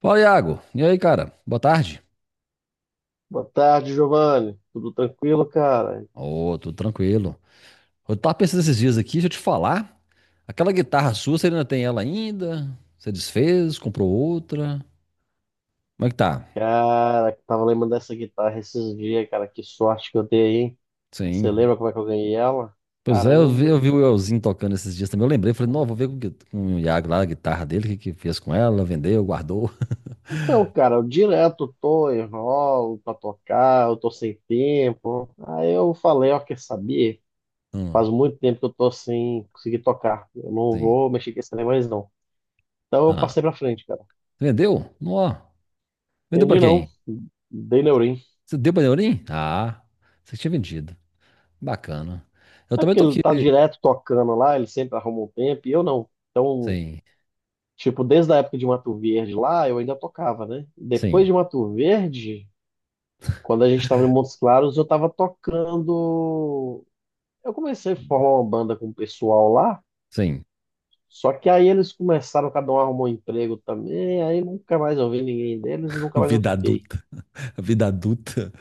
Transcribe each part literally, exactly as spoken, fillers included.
Fala, Iago. E aí, cara? Boa tarde. Boa tarde, Giovanni. Tudo tranquilo, cara? Ô, tudo tranquilo. Eu tava pensando esses dias aqui, deixa eu te falar. Aquela guitarra sua, você ainda tem ela ainda? Você desfez, comprou outra? Como é que tá? Cara, tava lembrando dessa guitarra esses dias, cara. Que sorte que eu dei, hein? Você Sim. lembra como é que eu ganhei ela? Pois é, eu vi, eu Caramba. vi o Elzinho tocando esses dias também. Eu lembrei, falei, não, vou ver com, o gui- com o Iago lá, a guitarra dele, o que que fez com ela, vendeu, guardou. Então, cara, eu direto tô, enrolo pra tocar, eu tô sem tempo. Aí eu falei, ó, quer saber? Hum, Faz muito tempo que eu tô sem conseguir tocar. Eu não sim. vou mexer com esse trem mais, não. Então eu Ah, passei pra frente, cara. vendeu? Não, vendeu pra Vendi não, quem? dei neurim. Você deu pra Neurim? Ah, você tinha vendido. Bacana. Eu É também porque tô ele aqui. tá direto tocando lá, ele sempre arruma um tempo, e eu não. Então, Sim, tipo, desde a época de Mato Verde lá, eu ainda tocava, né? Depois sim. de Mato Verde, quando a gente estava em Montes Claros, eu estava tocando. Eu comecei a formar uma banda com o pessoal lá, Sim. só que aí eles começaram, cada um arrumou um emprego também, aí nunca mais eu vi ninguém deles e nunca mais eu Vida toquei. adulta. A vida adulta.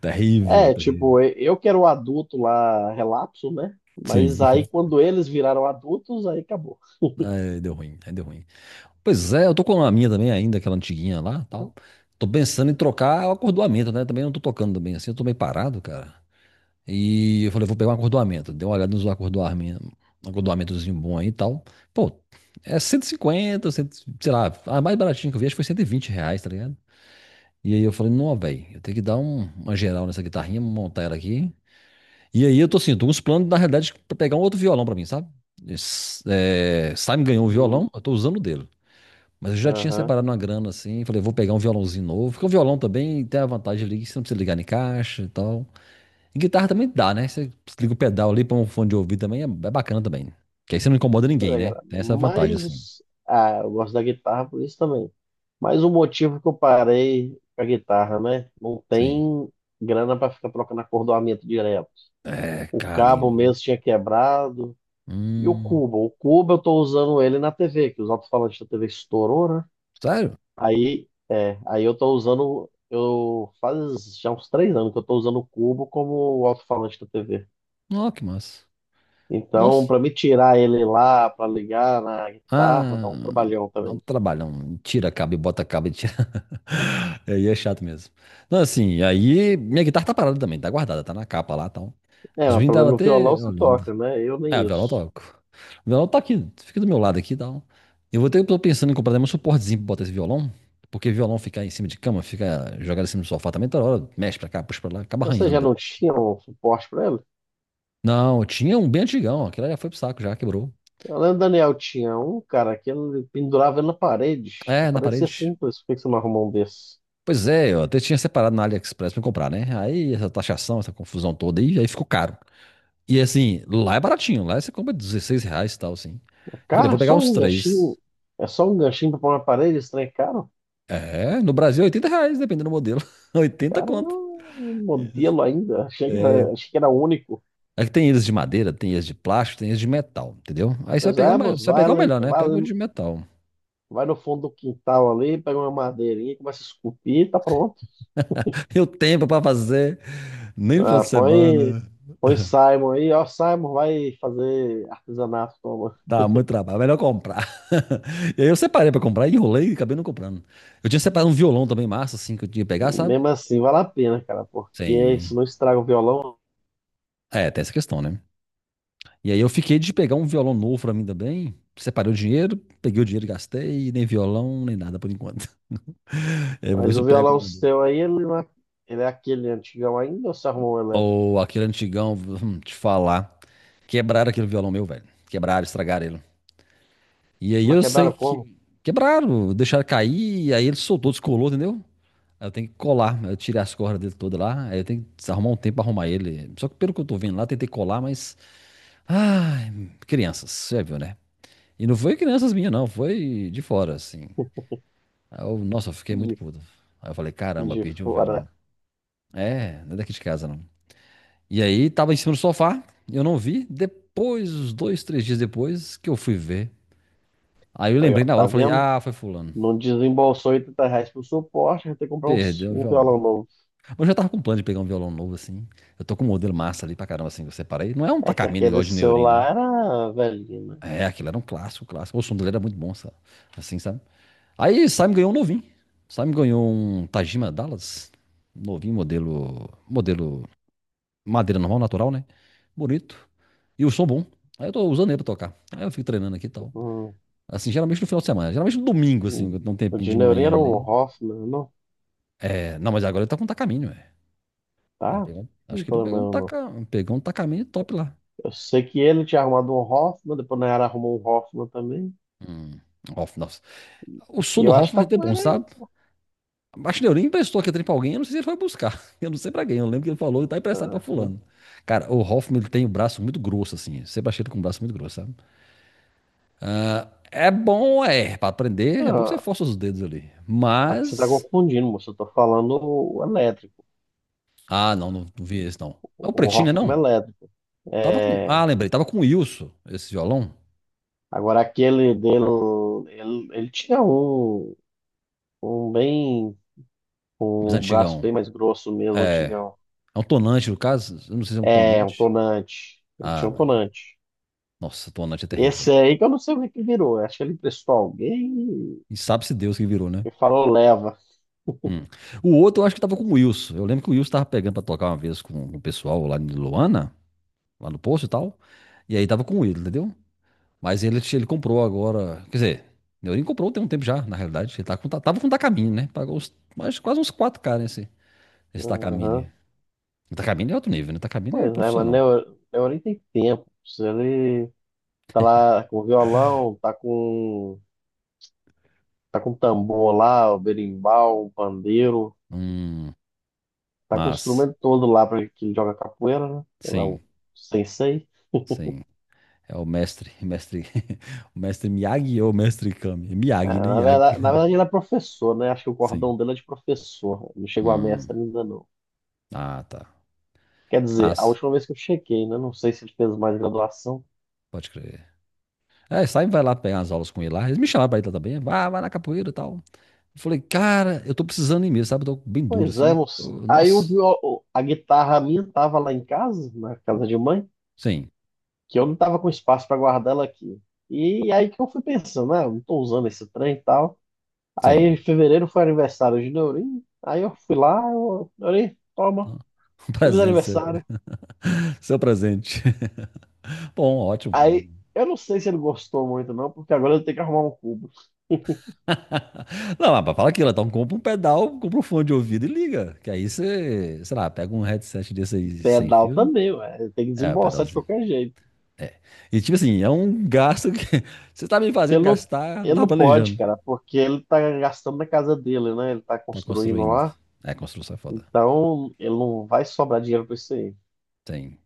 Terrível, É, terrível. tipo, eu eu que era o adulto lá, relapso, né? Mas Sim. aí quando eles viraram adultos, aí acabou. Aí deu ruim, aí deu ruim. Pois é, eu tô com a minha também ainda, aquela antiguinha lá, tal. Tô pensando em trocar o acordoamento, né? Também não tô tocando também assim, eu tô meio parado, cara. E eu falei, vou pegar um acordoamento. Dei uma olhada nos acordoamentos, acordoamentozinho bom aí e tal. Pô, é cento e cinquenta cem, sei lá, a mais baratinha que eu vi acho que foi cento e vinte reais, tá ligado? E aí eu falei, não, velho, eu tenho que dar um- uma geral nessa guitarrinha, montar ela aqui. E aí eu tô assim, tô com uns planos, na realidade, pra pegar um outro violão pra mim, sabe? Esse- É, Simon ganhou um violão, Hum. eu tô usando o dele. Mas eu já tinha Aham. separado uma grana assim, falei, vou pegar um violãozinho novo. Porque o violão também tem a vantagem ali que você não precisa ligar em caixa e tal. E guitarra também dá, né? Você liga o pedal ali, põe um fone de ouvido também, é, é bacana também. Que aí você não incomoda Mas, ninguém, é, né? cara, Tem essa vantagem mas, assim. os- ah, eu gosto da guitarra por isso também. Mas o motivo que eu parei com a guitarra, né? Não Sim. tem grana para ficar trocando acordoamento direto. É, O cabo carinho. mesmo tinha quebrado. E o Hum, cubo? O cubo eu tô usando ele na T V, que os alto-falantes da T V estourou, né? sério? Aí, é, aí eu tô usando. Eu faz já uns três anos que eu tô usando o cubo como o alto-falante da T V. Ó, que massa. Então, Nossa. para me tirar ele lá, para ligar na guitarra, Ah, dá um trabalhão dá um também. trabalhão. Tira cabo e bota cabo e tira. Aí é chato mesmo. Não, assim, aí minha guitarra tá parada também, tá guardada, tá na capa lá e tal. É, Os mas meninos pelo estavam menos no até violão você olhando. toca, né? Eu É, o nem violão eu isso. toco. O violão tá aqui, fica do meu lado aqui e tal. Eu vou ter, tô pensando em comprar também um suportezinho pra botar esse violão, porque violão ficar em cima de cama, fica jogado em cima do sofá também, toda hora mexe pra cá, puxa pra lá, acaba Mas você já arranhando não também. tinha um suporte para ele? Não, tinha um bem antigão, aquele já foi pro saco, já quebrou. Eu lembro do Daniel tinha um, cara, que ele pendurava ele na parede. É, na Parecia parede. simples. Por que que você não arrumou um desses. Pois é, eu até tinha separado na AliExpress pra comprar, né? Aí essa taxação, essa confusão toda aí, aí ficou caro. E assim, lá é baratinho, lá você compra dezesseis reais e tal, assim. Eu falei, Cara, é vou pegar só uns um ganchinho. três. É só um ganchinho para pôr na parede, esse trem é caro. É, no Brasil é oitenta reais, dependendo do modelo. oitenta Cara, é conto. um Isso, modelo ainda. Achei que É, era, achei que era único. é que tem eles de madeira, tem eles de plástico, tem eles de metal, entendeu? Aí você vai Mas pegar o, é, me- você moço, vai vai, pegar o ali- melhor, né? vai, Pega o ali- de metal. vai no fundo do quintal ali, pega uma madeirinha, começa a esculpir, tá pronto. E o tempo pra fazer, nem no final Ah, de põe, semana. põe Simon aí, ó, Simon vai fazer artesanato, toma. Dá muito trabalho, é melhor comprar. E aí eu separei pra comprar, enrolei e acabei não comprando. Eu tinha separado um violão também massa, assim, que eu tinha que pegar, sabe? Mesmo assim, vale a pena, cara, porque isso Sim. não estraga o violão. É, tem essa questão, né? E aí eu fiquei de pegar um violão novo pra mim também. Separei o dinheiro, peguei o dinheiro e gastei, e nem violão, nem nada por enquanto. Eu vou ver Mas se eu o pego. violão um. seu aí, ele, não é, ele é aquele antigão ainda ou você arrumou o elétrico? Ou aquele antigão, hum, te falar. Quebraram aquele violão meu, velho. Quebraram, estragaram ele. E aí Mas eu sei quebraram como? que. Quebraram, deixaram cair, e aí ele soltou, descolou, entendeu? Aí eu tenho que colar. aí eu tirei as cordas dele toda lá. Aí eu tenho que arrumar um tempo pra arrumar ele. Só que pelo que eu tô vendo lá, tentei colar, mas. Ai, crianças, você já viu, né? E não foi crianças minhas, não. Foi de fora, assim. Aí eu, nossa, eu fiquei muito De, puto. Aí eu falei, caramba, de perdi um fora. violão. É, não é daqui de casa, não. E aí tava em cima do sofá, eu não vi. Depois, uns dois, três dias depois, que eu fui ver. Aí eu Aí, ó, lembrei na hora, tá eu falei, vendo? ah, foi fulano. Não desembolsou oitenta reais pro suporte, vai ter que comprar um, s- Perdeu o um violão. violão novo. Eu já tava com plano de pegar um violão novo, assim. Eu tô com um modelo massa ali pra caramba, assim, que eu separei. Não é um É que Takamine aquele igual de seu Neurin, né? lá era velhinho, né? É, aquilo era um clássico, clássico. O som dele era muito bom, sabe? Assim, sabe? Aí Simon ganhou um novinho. Simon ganhou um Tajima Dallas. Novinho, modelo. Modelo Madeira normal, natural, né? Bonito. E o som bom. Aí eu tô usando ele pra tocar. Aí eu fico treinando aqui e tal. Hum, Assim, geralmente no final de semana. Geralmente no domingo, assim, hum. quando tem um O tempinho de de Neurinho era manhã um ali. Hoffman, não? É, não, mas agora ele tá com um tacaminho, é. Ele Tá? pegou, um, acho Não que ele tô pegou um lembrando, não. taca, pegou um tacaminho top lá. Eu sei que ele tinha arrumado um Hoffman, depois na era arrumou um Hoffman também. Hum, Hoffman, nossa. O E som do eu acho que Hoffman tá é até com bom, ele. sabe? Acho que ele emprestou aquele trem pra alguém, eu não sei se ele foi buscar. Eu não sei pra quem, eu lembro que ele falou, e tá emprestado pra Uhum. fulano. Cara, o Hoffman, ele tem o braço muito grosso, assim. Sempre achei ele com o braço muito grosso, sabe? Ah, é bom, é, pra aprender, é bom que você Não, força os dedos ali. acho que você está Mas. confundindo, moço. Eu tô falando o elétrico, Ah, não, não, não vi esse não. É o o pretinho, né? Hoffman Não. elétrico. Tava com. É, Ah, lembrei, tava com o Wilson, esse violão, agora aquele dele, ele, ele tinha um, um bem, mas um braço antigão. bem mais grosso mesmo, É. antigão. É um tonante, no caso. Eu não sei se é um É, um tonante. tonante. Ele tinha Ah, um Maria. tonante. Nossa, tonante é terrível, Esse velho. aí que eu não sei o que que virou. Acho que ele emprestou alguém E sabe-se Deus que virou, né? e falou leva. Hum. O outro eu acho que tava com o Wilson. Eu lembro que o Wilson tava pegando pra tocar uma vez com o pessoal lá em Luana, lá no posto e tal. E aí tava com o Wilson, entendeu? Mas ele, ele comprou agora. Quer dizer, ele comprou tem um tempo já, na realidade. Ele tá com, tá- tava com um Takamine, né? Pagou uns, mais, quase uns quatro k nesse, nesse Takamine. Aham. O Takamine é outro nível, né? O Takamine é Pois é, mas profissional. Neo- Neori tem tempo. Se ele tá lá com violão, tá com tá com tambor lá, o berimbau, o pandeiro. Hum, Tá com o mas, instrumento todo lá para que ele joga capoeira, né? Sei lá, sim, o sensei. sim. É o mestre, mestre. O mestre Miyagi ou o mestre Kami? É Miyagi, né? Ah, na verdade, na Miyagi. verdade, ele é professor, né? Acho que o cordão Sim. dele é de professor. Não chegou a Hum, mestre ainda, não. ah, tá. Quer dizer, a Mas, última vez que eu chequei, né? Não sei se ele fez mais graduação. pode crer. É, sai vai lá pegar as aulas com ele lá. Eles me chamaram pra ir lá também. Vai, vai na capoeira e tal. Eu falei, cara, eu tô precisando ir mesmo, sabe? Eu tô bem duro, Pois é, assim. moço. Eu- Aí eu Nossa, vi a guitarra minha tava lá em casa, na casa de mãe, sim, que eu não tava com espaço para guardar ela aqui. E aí que eu fui pensando, né? Eu não tô usando esse trem e tal. Aí em sim. fevereiro foi aniversário de Neurinho. Aí eu fui lá, eu, Neurinho, toma, Um feliz presente seu, aniversário. seu presente. Bom, ótimo, bom. Aí eu não sei se ele gostou muito, não, porque agora eu tenho que arrumar um cubo. Não, mas fala aquilo, então compra um pedal, compra um fone de ouvido e liga. Que aí você, sei lá, pega um headset desse aí sem Pedal fio. também, ué. Ele tem que É, o desembolsar de pedalzinho. qualquer jeito. É. E tipo assim, é um gasto que você tá me Que fazendo ele não, gastar, não ele tá não pode, planejando. cara, porque ele tá gastando na casa dele, né? Ele tá Tá construindo construindo. lá. É, construção é foda. Então ele não vai sobrar dinheiro pra isso aí. Tem.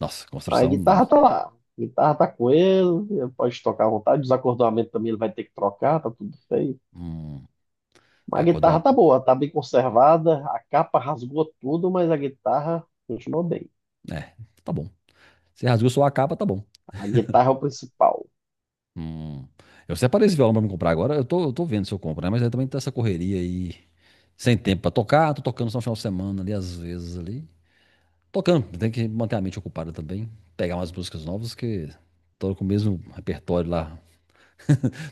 Nossa, Aí a construção. guitarra tá lá. A guitarra tá com ele, ele pode tocar à vontade. Desacordoamento também ele vai ter que trocar, tá tudo feio. hum, É, A acordou. guitarra a- tá boa, tá bem conservada, a capa rasgou tudo, mas a guitarra continuou bem. É, tá bom. Você rasgou sua capa, tá bom. A guitarra é o principal. Hum. Eu separei esse violão pra me comprar agora. Eu tô, eu tô vendo se eu compro, né? Mas aí também tá essa correria aí. Sem tempo pra tocar. Tô tocando só no final de semana ali, às vezes ali. Tocando, tem que manter a mente ocupada também. Pegar umas músicas novas que tô com o mesmo repertório lá.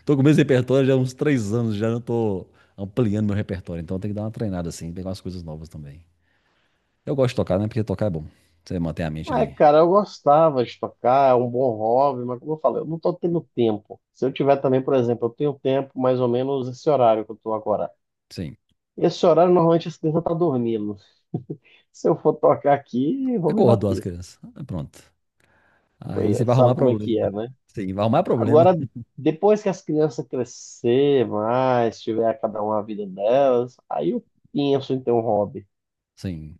Tô com o mesmo repertório já há uns três anos, já não tô ampliando meu repertório. Então tem que dar uma treinada assim, pegar umas coisas novas também. Eu gosto de tocar, né? Porque tocar é bom. Você mantém a mente É, ali. cara, eu gostava de tocar, é um bom hobby, mas como eu falei, eu não tô tendo tempo. Se eu tiver também, por exemplo, eu tenho tempo mais ou menos esse horário que eu tô agora. Sim. Esse horário normalmente as crianças tá dormindo. Se eu for tocar aqui, vão me Acordou as bater. crianças. Ah, pronto. Pois Aí é, você vai arrumar sabe como é que é, problema. né? Sim, vai arrumar Agora, problema. depois que as crianças crescer mais, tiver cada uma a vida delas, aí eu penso em ter um hobby. Sim.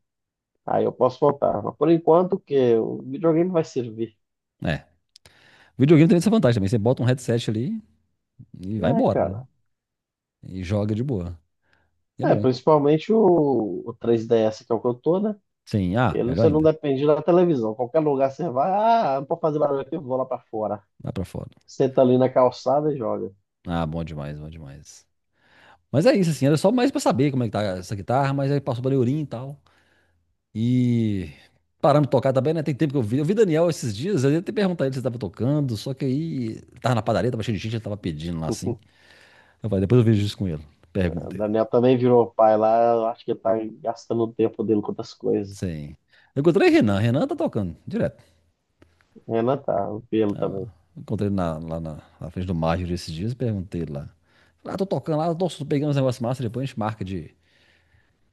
Aí eu posso voltar. Mas por enquanto, o quê? O videogame vai servir. É. O videogame tem essa vantagem também. Você bota um headset ali e vai É, embora, né? cara. E joga de boa. E é É, bom. principalmente o, o três D S, que é o que eu tô, né? Sim, ah, Ele, melhor você não ainda. depende da televisão. Qualquer lugar você vai, ah, não pode fazer barulho aqui, eu vou lá pra fora. Vai pra fora. Senta ali na calçada e joga. Ah, bom demais, bom demais. Mas é isso, assim, era só mais pra saber como é que tá essa guitarra, mas aí passou pra Leorim e tal. E paramos de tocar também, né? Tem tempo que eu vi. Eu vi Daniel esses dias, eu ia até perguntar ele se ele tava tocando, só que aí tava na padaria, tava cheio de gente, ele tava pedindo lá assim. Eu falei, depois eu vejo isso com ele. O Pergunta ele. Daniel também virou pai lá, eu acho que ele tá gastando o tempo dele com outras coisas. Sim. Eu encontrei Renan, Renan tá tocando direto. Renan tá, o pelo também. Eu encontrei ele na- lá na, na frente do Major esses dias e perguntei ele lá. Falei, ah, tô tocando lá, nossa, tô pegando uns negócios massa, depois a gente marca de,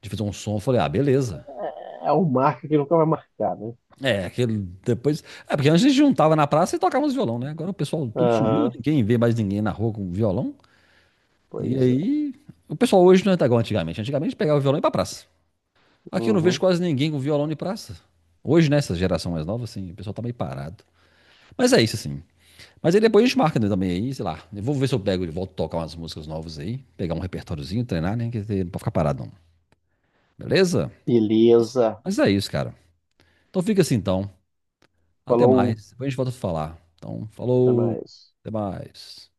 de fazer um som. Eu falei, ah, beleza. É é o marca que nunca vai marcar, né? É, aquele depois. É, porque antes a gente juntava na praça e tocávamos violão, né? Agora o pessoal tudo sumiu, Aham, ninguém vê mais ninguém na rua com violão. E pois é. aí. O pessoal hoje não é igual antigamente. Antigamente pegava o violão e ia pra praça. Aqui eu não vejo Uhum. quase ninguém com violão em praça. Hoje, nessa geração mais nova, assim, o pessoal tá meio parado. Mas é isso, assim. Mas aí depois a gente marca né, também aí, sei lá. Eu vou ver se eu pego e volto a tocar umas músicas novas aí. Pegar um repertóriozinho, treinar, né? Que não pode ficar parado, não. Beleza? Beleza. Mas é isso, cara. Então fica assim, então. Até Falou, mais. Depois a gente volta a falar. Então, até falou. mais. Até mais.